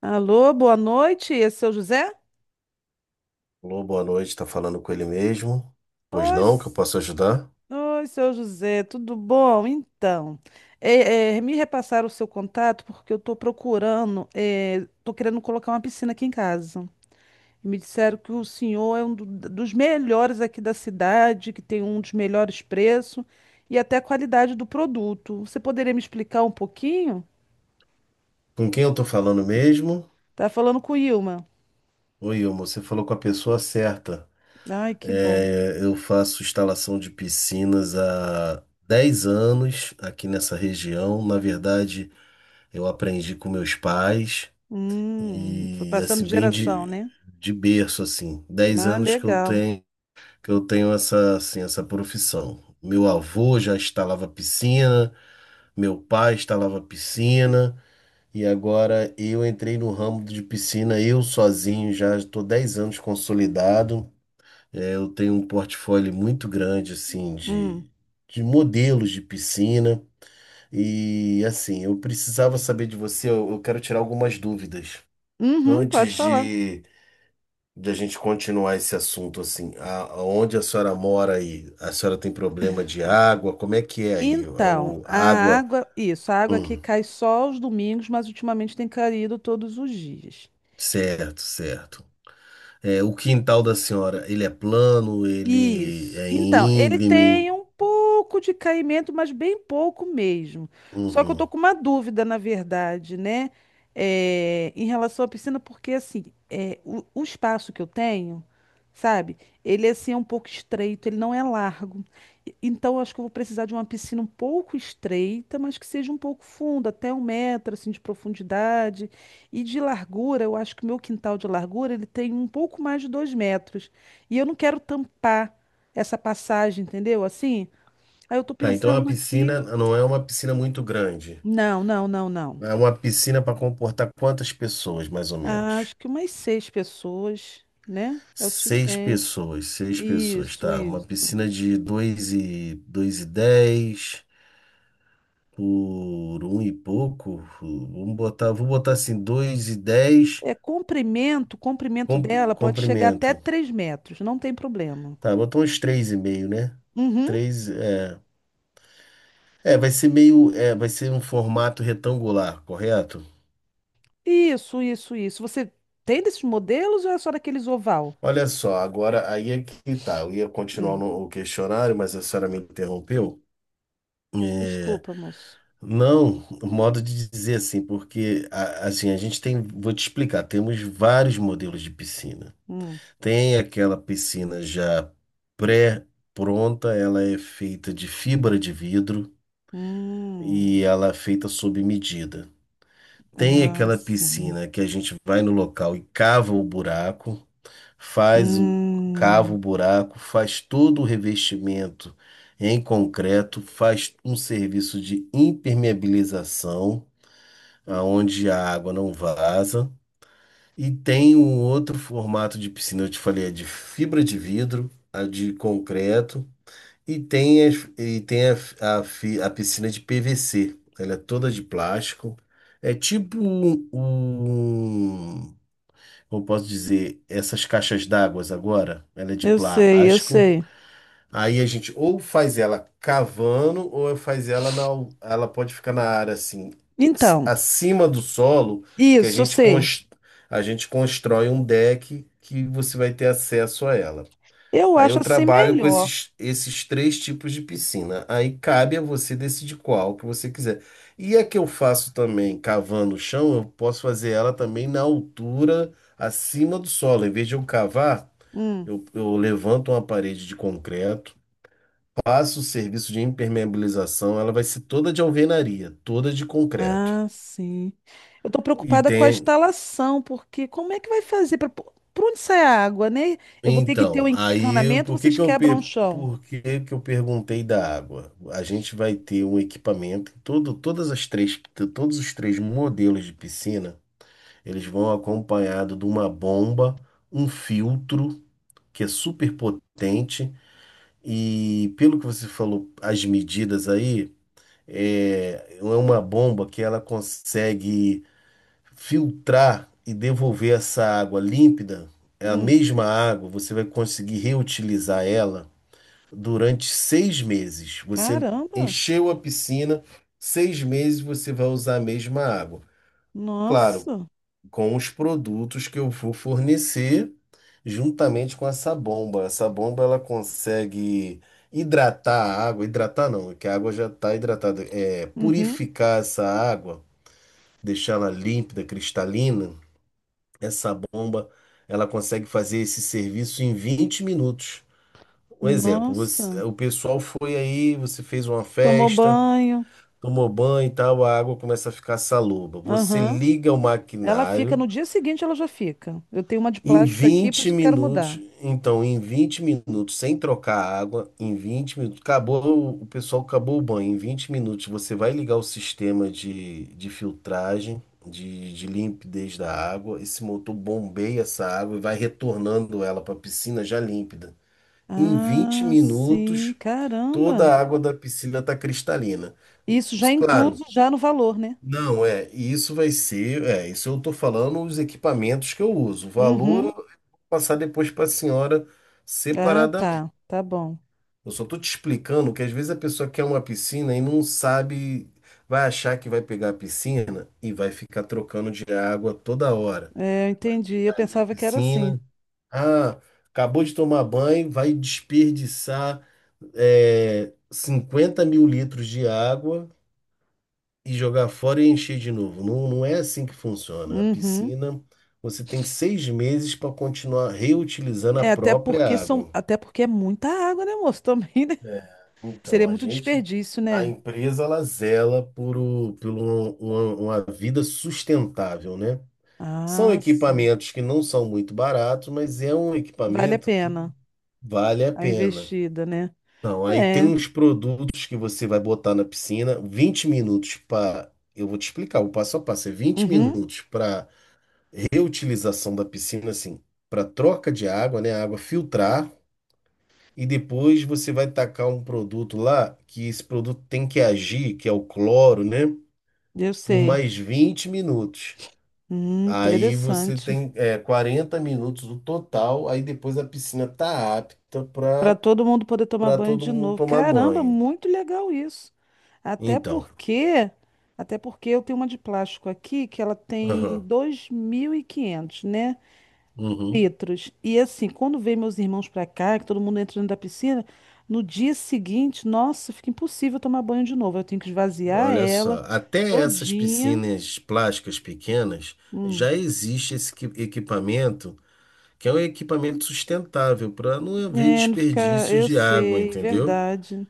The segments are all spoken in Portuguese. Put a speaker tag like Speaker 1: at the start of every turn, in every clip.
Speaker 1: Alô, boa noite, é seu José?
Speaker 2: Alô, boa noite, tá falando com ele mesmo? Pois
Speaker 1: Oi,
Speaker 2: não, que eu
Speaker 1: s-
Speaker 2: posso ajudar?
Speaker 1: oi, seu José, tudo bom? Então, me repassaram o seu contato porque eu estou querendo colocar uma piscina aqui em casa. Me disseram que o senhor é um dos melhores aqui da cidade, que tem um dos melhores preços e até a qualidade do produto. Você poderia me explicar um pouquinho?
Speaker 2: Com quem eu tô falando mesmo?
Speaker 1: Tá falando com o Ilma.
Speaker 2: Oi, Ilmo, você falou com a pessoa certa.
Speaker 1: Ai, que bom.
Speaker 2: É, eu faço instalação de piscinas há 10 anos aqui nessa região. Na verdade, eu aprendi com meus pais
Speaker 1: Foi
Speaker 2: e
Speaker 1: passando
Speaker 2: assim,
Speaker 1: de
Speaker 2: vem
Speaker 1: geração,
Speaker 2: de,
Speaker 1: né?
Speaker 2: de berço assim. Dez
Speaker 1: Ah,
Speaker 2: anos que eu
Speaker 1: legal.
Speaker 2: tenho, que eu tenho assim, essa profissão. Meu avô já instalava piscina, meu pai instalava piscina. E agora eu entrei no ramo de piscina, eu sozinho, já estou 10 anos consolidado. É, eu tenho um portfólio muito grande, assim,
Speaker 1: Hum.
Speaker 2: de modelos de piscina. E, assim, eu precisava saber de você, eu quero tirar algumas dúvidas.
Speaker 1: Uhum,
Speaker 2: Antes
Speaker 1: pode falar.
Speaker 2: de a gente continuar esse assunto, assim, onde a senhora mora aí? A senhora tem problema de água? Como é que é aí? A,
Speaker 1: Então,
Speaker 2: o-
Speaker 1: a
Speaker 2: a água?
Speaker 1: água, isso, a água aqui
Speaker 2: Hum,
Speaker 1: cai só aos domingos, mas ultimamente tem caído todos os dias.
Speaker 2: certo, certo. É, o quintal da senhora, ele é plano, ele
Speaker 1: Isso.
Speaker 2: é
Speaker 1: Então, ele
Speaker 2: íngreme.
Speaker 1: tem um pouco de caimento, mas bem pouco mesmo. Só que eu
Speaker 2: Uhum.
Speaker 1: tô com uma dúvida, na verdade, né? Em relação à piscina, porque assim, o espaço que eu tenho, sabe? Ele é, assim, é um pouco estreito, ele não é largo. Então, eu acho que eu vou precisar de uma piscina um pouco estreita, mas que seja um pouco funda, até 1 metro assim, de profundidade. E de largura, eu acho que o meu quintal de largura ele tem um pouco mais de 2 metros. E eu não quero tampar essa passagem, entendeu? Assim, aí eu tô
Speaker 2: Tá, então a
Speaker 1: pensando aqui.
Speaker 2: piscina não é uma piscina muito grande.
Speaker 1: Não, não, não, não.
Speaker 2: É uma piscina para comportar quantas pessoas, mais ou
Speaker 1: Ah,
Speaker 2: menos?
Speaker 1: acho que umas seis pessoas, né? É o suficiente.
Speaker 2: Seis pessoas,
Speaker 1: Isso,
Speaker 2: tá. Uma
Speaker 1: isso.
Speaker 2: piscina de dois e dois e dez por um e pouco. Vou botar assim, dois e dez
Speaker 1: O comprimento dela pode chegar até
Speaker 2: comprimento.
Speaker 1: 3 metros, não tem problema.
Speaker 2: Tá, botou uns três e meio, né?
Speaker 1: Uhum.
Speaker 2: Três, é. É, vai ser um formato retangular, correto?
Speaker 1: Isso, isso, isso. Você tem desses modelos ou é só daqueles oval?
Speaker 2: Olha só, agora aí é que tá. Eu ia continuar
Speaker 1: Hum.
Speaker 2: no o questionário, mas a senhora me interrompeu.
Speaker 1: Desculpa, moço.
Speaker 2: Não, modo de dizer assim, porque assim, vou te explicar, temos vários modelos de piscina.
Speaker 1: Hum.
Speaker 2: Tem aquela piscina já pré-pronta, ela é feita de fibra de vidro
Speaker 1: Hum.
Speaker 2: e ela é feita sob medida. Tem
Speaker 1: Ah,
Speaker 2: aquela
Speaker 1: sim.
Speaker 2: piscina que a gente vai no local e cava o buraco. Faz o cava
Speaker 1: Hum.
Speaker 2: o buraco, faz todo o revestimento em concreto, faz um serviço de impermeabilização, aonde a água não vaza, e tem um outro formato de piscina, eu te falei, a de fibra de vidro, a de concreto, e tem, a piscina de PVC, ela é toda de plástico. É tipo um, como posso dizer, essas caixas d'água agora, ela é de
Speaker 1: Eu sei, eu
Speaker 2: plástico.
Speaker 1: sei.
Speaker 2: Aí a gente ou faz ela cavando ou faz ela ela pode ficar na área assim,
Speaker 1: Então,
Speaker 2: acima do solo, que a
Speaker 1: isso, eu
Speaker 2: gente
Speaker 1: sei.
Speaker 2: cons- a gente constrói um deck que você vai ter acesso a ela.
Speaker 1: Eu
Speaker 2: Aí
Speaker 1: acho
Speaker 2: eu
Speaker 1: assim
Speaker 2: trabalho com
Speaker 1: melhor.
Speaker 2: esses três tipos de piscina. Aí cabe a você decidir qual que você quiser. E a que eu faço também cavando o chão, eu posso fazer ela também na altura acima do solo. Em vez de eu cavar,
Speaker 1: Hum.
Speaker 2: eu levanto uma parede de concreto, passo o serviço de impermeabilização, ela vai ser toda de alvenaria, toda de concreto.
Speaker 1: Ah, sim. Eu tô
Speaker 2: E
Speaker 1: preocupada com a
Speaker 2: tem,
Speaker 1: instalação, porque como é que vai fazer para para onde sai a água, né? Eu vou ter que ter o
Speaker 2: Então, aí
Speaker 1: encanamento,
Speaker 2: por que
Speaker 1: vocês
Speaker 2: que eu,
Speaker 1: quebram
Speaker 2: per-
Speaker 1: o chão.
Speaker 2: por que que eu perguntei da água? A gente vai ter um equipamento, todos os três modelos de piscina, eles vão acompanhado de uma bomba, um filtro que é super potente e pelo que você falou, as medidas aí, é uma bomba que ela consegue filtrar e devolver essa água límpida, é a
Speaker 1: Hum.
Speaker 2: mesma água, você vai conseguir reutilizar ela durante 6 meses. Você
Speaker 1: Caramba!
Speaker 2: encheu a piscina, 6 meses você vai usar a mesma água. Claro,
Speaker 1: Nossa.
Speaker 2: com os produtos que eu vou fornecer, juntamente com essa bomba. Essa bomba ela consegue hidratar a água, hidratar não, é que a água já está hidratada, é
Speaker 1: Uhum.
Speaker 2: purificar essa água, deixá-la límpida, cristalina essa bomba, ela consegue fazer esse serviço em 20 minutos. Um exemplo,
Speaker 1: Nossa.
Speaker 2: o pessoal foi aí, você fez uma
Speaker 1: Tomou
Speaker 2: festa,
Speaker 1: banho.
Speaker 2: tomou banho e tal, a água começa a ficar saloba. Você
Speaker 1: Aham.
Speaker 2: liga o
Speaker 1: Ela fica
Speaker 2: maquinário
Speaker 1: no dia seguinte, ela já fica. Eu tenho uma de
Speaker 2: em
Speaker 1: plástico aqui, por
Speaker 2: 20
Speaker 1: isso que eu quero
Speaker 2: minutos,
Speaker 1: mudar.
Speaker 2: então, em 20 minutos, sem trocar a água, em 20 minutos, acabou, o pessoal acabou o banho. Em 20 minutos, você vai ligar o sistema de filtragem, de limpidez da água. Esse motor bombeia essa água e vai retornando ela para a piscina já límpida. Em 20
Speaker 1: Ah, sim,
Speaker 2: minutos, toda
Speaker 1: caramba.
Speaker 2: a água da piscina está cristalina.
Speaker 1: Isso já é
Speaker 2: Claro,
Speaker 1: incluso já no valor, né?
Speaker 2: não é. E isso vai ser, isso eu estou falando os equipamentos que eu uso. O valor
Speaker 1: Uhum.
Speaker 2: passar depois para a senhora
Speaker 1: Ah,
Speaker 2: separadamente.
Speaker 1: tá, tá bom.
Speaker 2: Eu só tô te explicando que às vezes a pessoa quer uma piscina e não sabe, vai achar que vai pegar a piscina e vai ficar trocando de água toda hora.
Speaker 1: É, eu entendi. Eu
Speaker 2: Pegar ali a
Speaker 1: pensava que era assim.
Speaker 2: piscina, ah, acabou de tomar banho, vai desperdiçar 50 mil litros de água e jogar fora e encher de novo. Não, não é assim que funciona. A
Speaker 1: Uhum.
Speaker 2: piscina, você tem 6 meses para continuar reutilizando a
Speaker 1: É, até
Speaker 2: própria
Speaker 1: porque são,
Speaker 2: água.
Speaker 1: até porque é muita água, né, moço? Também, né?
Speaker 2: É, então,
Speaker 1: Seria muito desperdício,
Speaker 2: a
Speaker 1: né?
Speaker 2: empresa, ela zela por uma vida sustentável, né? São
Speaker 1: Ah, sim.
Speaker 2: equipamentos que não são muito baratos, mas é um
Speaker 1: Vale a
Speaker 2: equipamento que
Speaker 1: pena
Speaker 2: vale a
Speaker 1: a
Speaker 2: pena.
Speaker 1: investida, né?
Speaker 2: Então, aí tem
Speaker 1: É.
Speaker 2: uns produtos que você vai botar na piscina, 20 minutos para. Eu vou te explicar, o passo a passo é vinte
Speaker 1: Uhum.
Speaker 2: minutos para reutilização da piscina, assim, para troca de água, né? A água filtrar. E depois você vai tacar um produto lá, que esse produto tem que agir, que é o cloro, né?
Speaker 1: Eu
Speaker 2: Por
Speaker 1: sei.
Speaker 2: mais 20 minutos. Aí você
Speaker 1: Interessante.
Speaker 2: tem 40 minutos no total, aí depois a piscina tá apta
Speaker 1: Para
Speaker 2: para
Speaker 1: todo mundo poder tomar
Speaker 2: para
Speaker 1: banho
Speaker 2: todo
Speaker 1: de
Speaker 2: mundo
Speaker 1: novo.
Speaker 2: tomar
Speaker 1: Caramba,
Speaker 2: banho.
Speaker 1: muito legal isso. Até
Speaker 2: Então,
Speaker 1: porque, até porque eu tenho uma de plástico aqui que ela tem
Speaker 2: aham,
Speaker 1: 2.500, né,
Speaker 2: uhum,
Speaker 1: litros. E assim, quando vem meus irmãos para cá, que todo mundo entra dentro da piscina, no dia seguinte, nossa, fica impossível tomar banho de novo. Eu tenho que esvaziar
Speaker 2: olha
Speaker 1: ela
Speaker 2: só, até essas
Speaker 1: todinha.
Speaker 2: piscinas plásticas pequenas
Speaker 1: Hum.
Speaker 2: já existe esse equipamento, que é um equipamento sustentável para não haver
Speaker 1: É, não fica,
Speaker 2: desperdício
Speaker 1: eu
Speaker 2: de água,
Speaker 1: sei,
Speaker 2: entendeu?
Speaker 1: verdade.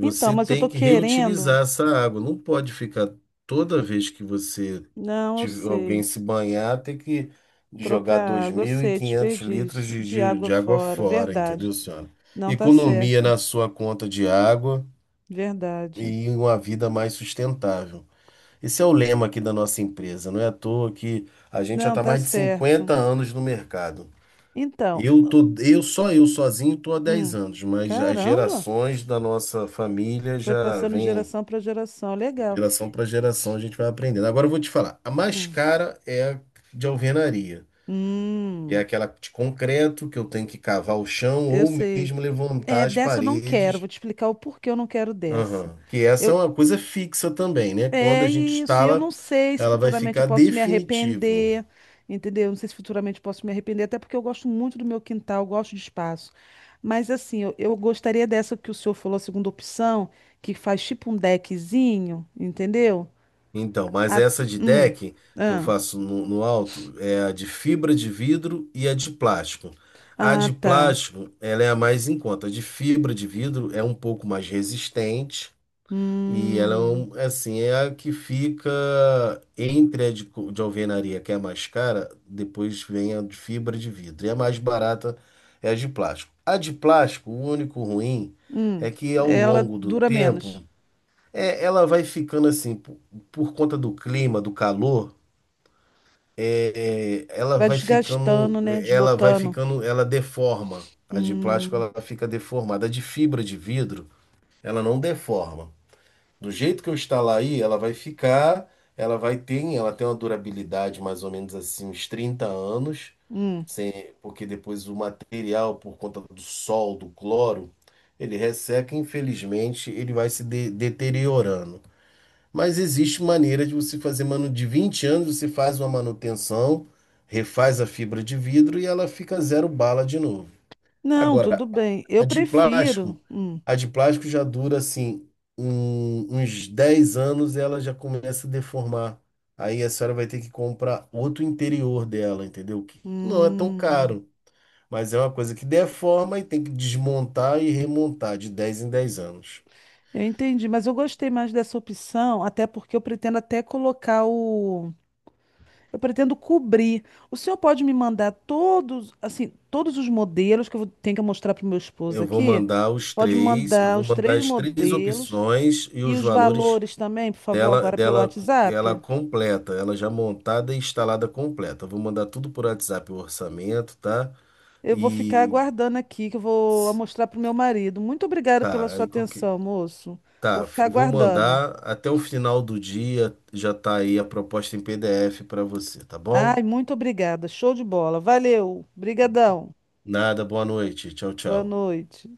Speaker 1: Então, mas eu
Speaker 2: tem
Speaker 1: tô
Speaker 2: que
Speaker 1: querendo.
Speaker 2: reutilizar essa água. Não pode ficar toda vez que você
Speaker 1: Não, eu
Speaker 2: alguém
Speaker 1: sei.
Speaker 2: se banhar, ter que jogar
Speaker 1: Trocar
Speaker 2: dois
Speaker 1: água, eu
Speaker 2: mil e
Speaker 1: sei,
Speaker 2: quinhentos litros
Speaker 1: desperdício.
Speaker 2: de,
Speaker 1: De
Speaker 2: de,
Speaker 1: água
Speaker 2: de água
Speaker 1: fora,
Speaker 2: fora,
Speaker 1: verdade.
Speaker 2: entendeu, senhora?
Speaker 1: Não tá
Speaker 2: Economia
Speaker 1: certo,
Speaker 2: na sua conta de água
Speaker 1: verdade.
Speaker 2: e uma vida mais sustentável. Esse é o lema aqui da nossa empresa. Não é à toa que a gente já
Speaker 1: Não
Speaker 2: está
Speaker 1: tá
Speaker 2: mais de
Speaker 1: certo.
Speaker 2: 50 anos no mercado.
Speaker 1: Então,
Speaker 2: Eu sozinho tô há dez
Speaker 1: hum,
Speaker 2: anos, mas as
Speaker 1: caramba,
Speaker 2: gerações da nossa família
Speaker 1: foi
Speaker 2: já
Speaker 1: passando de
Speaker 2: vêm.
Speaker 1: geração para geração, legal.
Speaker 2: Geração para geração a gente vai aprendendo. Agora eu vou te falar. A mais
Speaker 1: Hum,
Speaker 2: cara é a de alvenaria. É
Speaker 1: hum,
Speaker 2: aquela de concreto que eu tenho que cavar o chão
Speaker 1: eu
Speaker 2: ou
Speaker 1: sei.
Speaker 2: mesmo levantar
Speaker 1: É,
Speaker 2: as
Speaker 1: dessa eu não quero,
Speaker 2: paredes.
Speaker 1: vou te explicar o porquê eu não quero dessa.
Speaker 2: Aham. Que essa é
Speaker 1: Eu,
Speaker 2: uma coisa fixa também, né? Quando
Speaker 1: É
Speaker 2: a gente
Speaker 1: isso, e eu não
Speaker 2: instala,
Speaker 1: sei se
Speaker 2: ela vai
Speaker 1: futuramente eu
Speaker 2: ficar
Speaker 1: posso me
Speaker 2: definitiva.
Speaker 1: arrepender, entendeu? Não sei se futuramente eu posso me arrepender, até porque eu gosto muito do meu quintal, eu gosto de espaço. Mas assim, eu gostaria dessa que o senhor falou, a segunda opção, que faz tipo um deckzinho, entendeu?
Speaker 2: Então, mas
Speaker 1: A-
Speaker 2: essa de
Speaker 1: hum,
Speaker 2: deck que eu
Speaker 1: ah,
Speaker 2: faço no alto é a de fibra de vidro e a de plástico. A
Speaker 1: ah,
Speaker 2: de
Speaker 1: tá.
Speaker 2: plástico, ela é a mais em conta. A de fibra de vidro é um pouco mais resistente. E ela é,
Speaker 1: Hum,
Speaker 2: assim, é a que fica entre de alvenaria, que é a mais cara, depois vem a de fibra de vidro. E a mais barata é a de plástico. A de plástico, o único ruim
Speaker 1: hum.
Speaker 2: é que ao
Speaker 1: Ela
Speaker 2: longo do
Speaker 1: dura
Speaker 2: tempo,
Speaker 1: menos.
Speaker 2: ela vai ficando assim, por conta do clima, do calor, é, é, ela
Speaker 1: Vai
Speaker 2: vai ficando,
Speaker 1: desgastando, né?
Speaker 2: ela vai
Speaker 1: Desbotando.
Speaker 2: ficando, ela deforma. A de plástico,
Speaker 1: Hum,
Speaker 2: ela fica deformada. A de fibra de vidro, ela não deforma. Do jeito que eu instalar aí, ela vai ficar, ela vai ter, ela tem uma durabilidade mais ou menos assim, uns 30 anos,
Speaker 1: hum.
Speaker 2: sem, porque depois o material, por conta do sol, do cloro, ele resseca, e, infelizmente, ele vai se deteriorando. Mas existe maneira de você fazer manu de 20 anos, você faz uma manutenção, refaz a fibra de vidro e ela fica zero bala de novo.
Speaker 1: Não, tudo
Speaker 2: Agora,
Speaker 1: bem.
Speaker 2: a
Speaker 1: Eu
Speaker 2: de
Speaker 1: prefiro.
Speaker 2: plástico, a de plástico já dura assim uns 10 anos e ela já começa a deformar. Aí a senhora vai ter que comprar outro interior dela, entendeu? Que não é tão
Speaker 1: Hum,
Speaker 2: caro, mas é uma coisa que deforma e tem que desmontar e remontar de 10 em 10 anos.
Speaker 1: eu entendi, mas eu gostei mais dessa opção, até porque eu pretendo até colocar eu pretendo cobrir. O senhor pode me mandar todos, assim, todos os modelos que tenho que mostrar para o meu esposo
Speaker 2: Eu vou
Speaker 1: aqui?
Speaker 2: mandar os
Speaker 1: Pode me
Speaker 2: três, eu
Speaker 1: mandar
Speaker 2: vou
Speaker 1: os
Speaker 2: mandar
Speaker 1: três
Speaker 2: as três
Speaker 1: modelos
Speaker 2: opções e
Speaker 1: e
Speaker 2: os
Speaker 1: os
Speaker 2: valores
Speaker 1: valores também, por favor,
Speaker 2: dela,
Speaker 1: agora pelo
Speaker 2: dela, ela
Speaker 1: WhatsApp.
Speaker 2: completa, ela já montada e instalada completa. Eu vou mandar tudo por WhatsApp o orçamento, tá?
Speaker 1: Eu vou ficar
Speaker 2: E
Speaker 1: aguardando aqui, que eu vou mostrar para o meu marido. Muito obrigada pela
Speaker 2: tá,
Speaker 1: sua
Speaker 2: aí qual que.
Speaker 1: atenção, moço. Vou
Speaker 2: Tá,
Speaker 1: ficar
Speaker 2: vou
Speaker 1: aguardando.
Speaker 2: mandar até o final do dia, já tá aí a proposta em PDF para você, tá bom?
Speaker 1: Ai, muito obrigada. Show de bola. Valeu. Brigadão.
Speaker 2: Nada, boa noite. Tchau,
Speaker 1: Boa
Speaker 2: tchau.
Speaker 1: noite.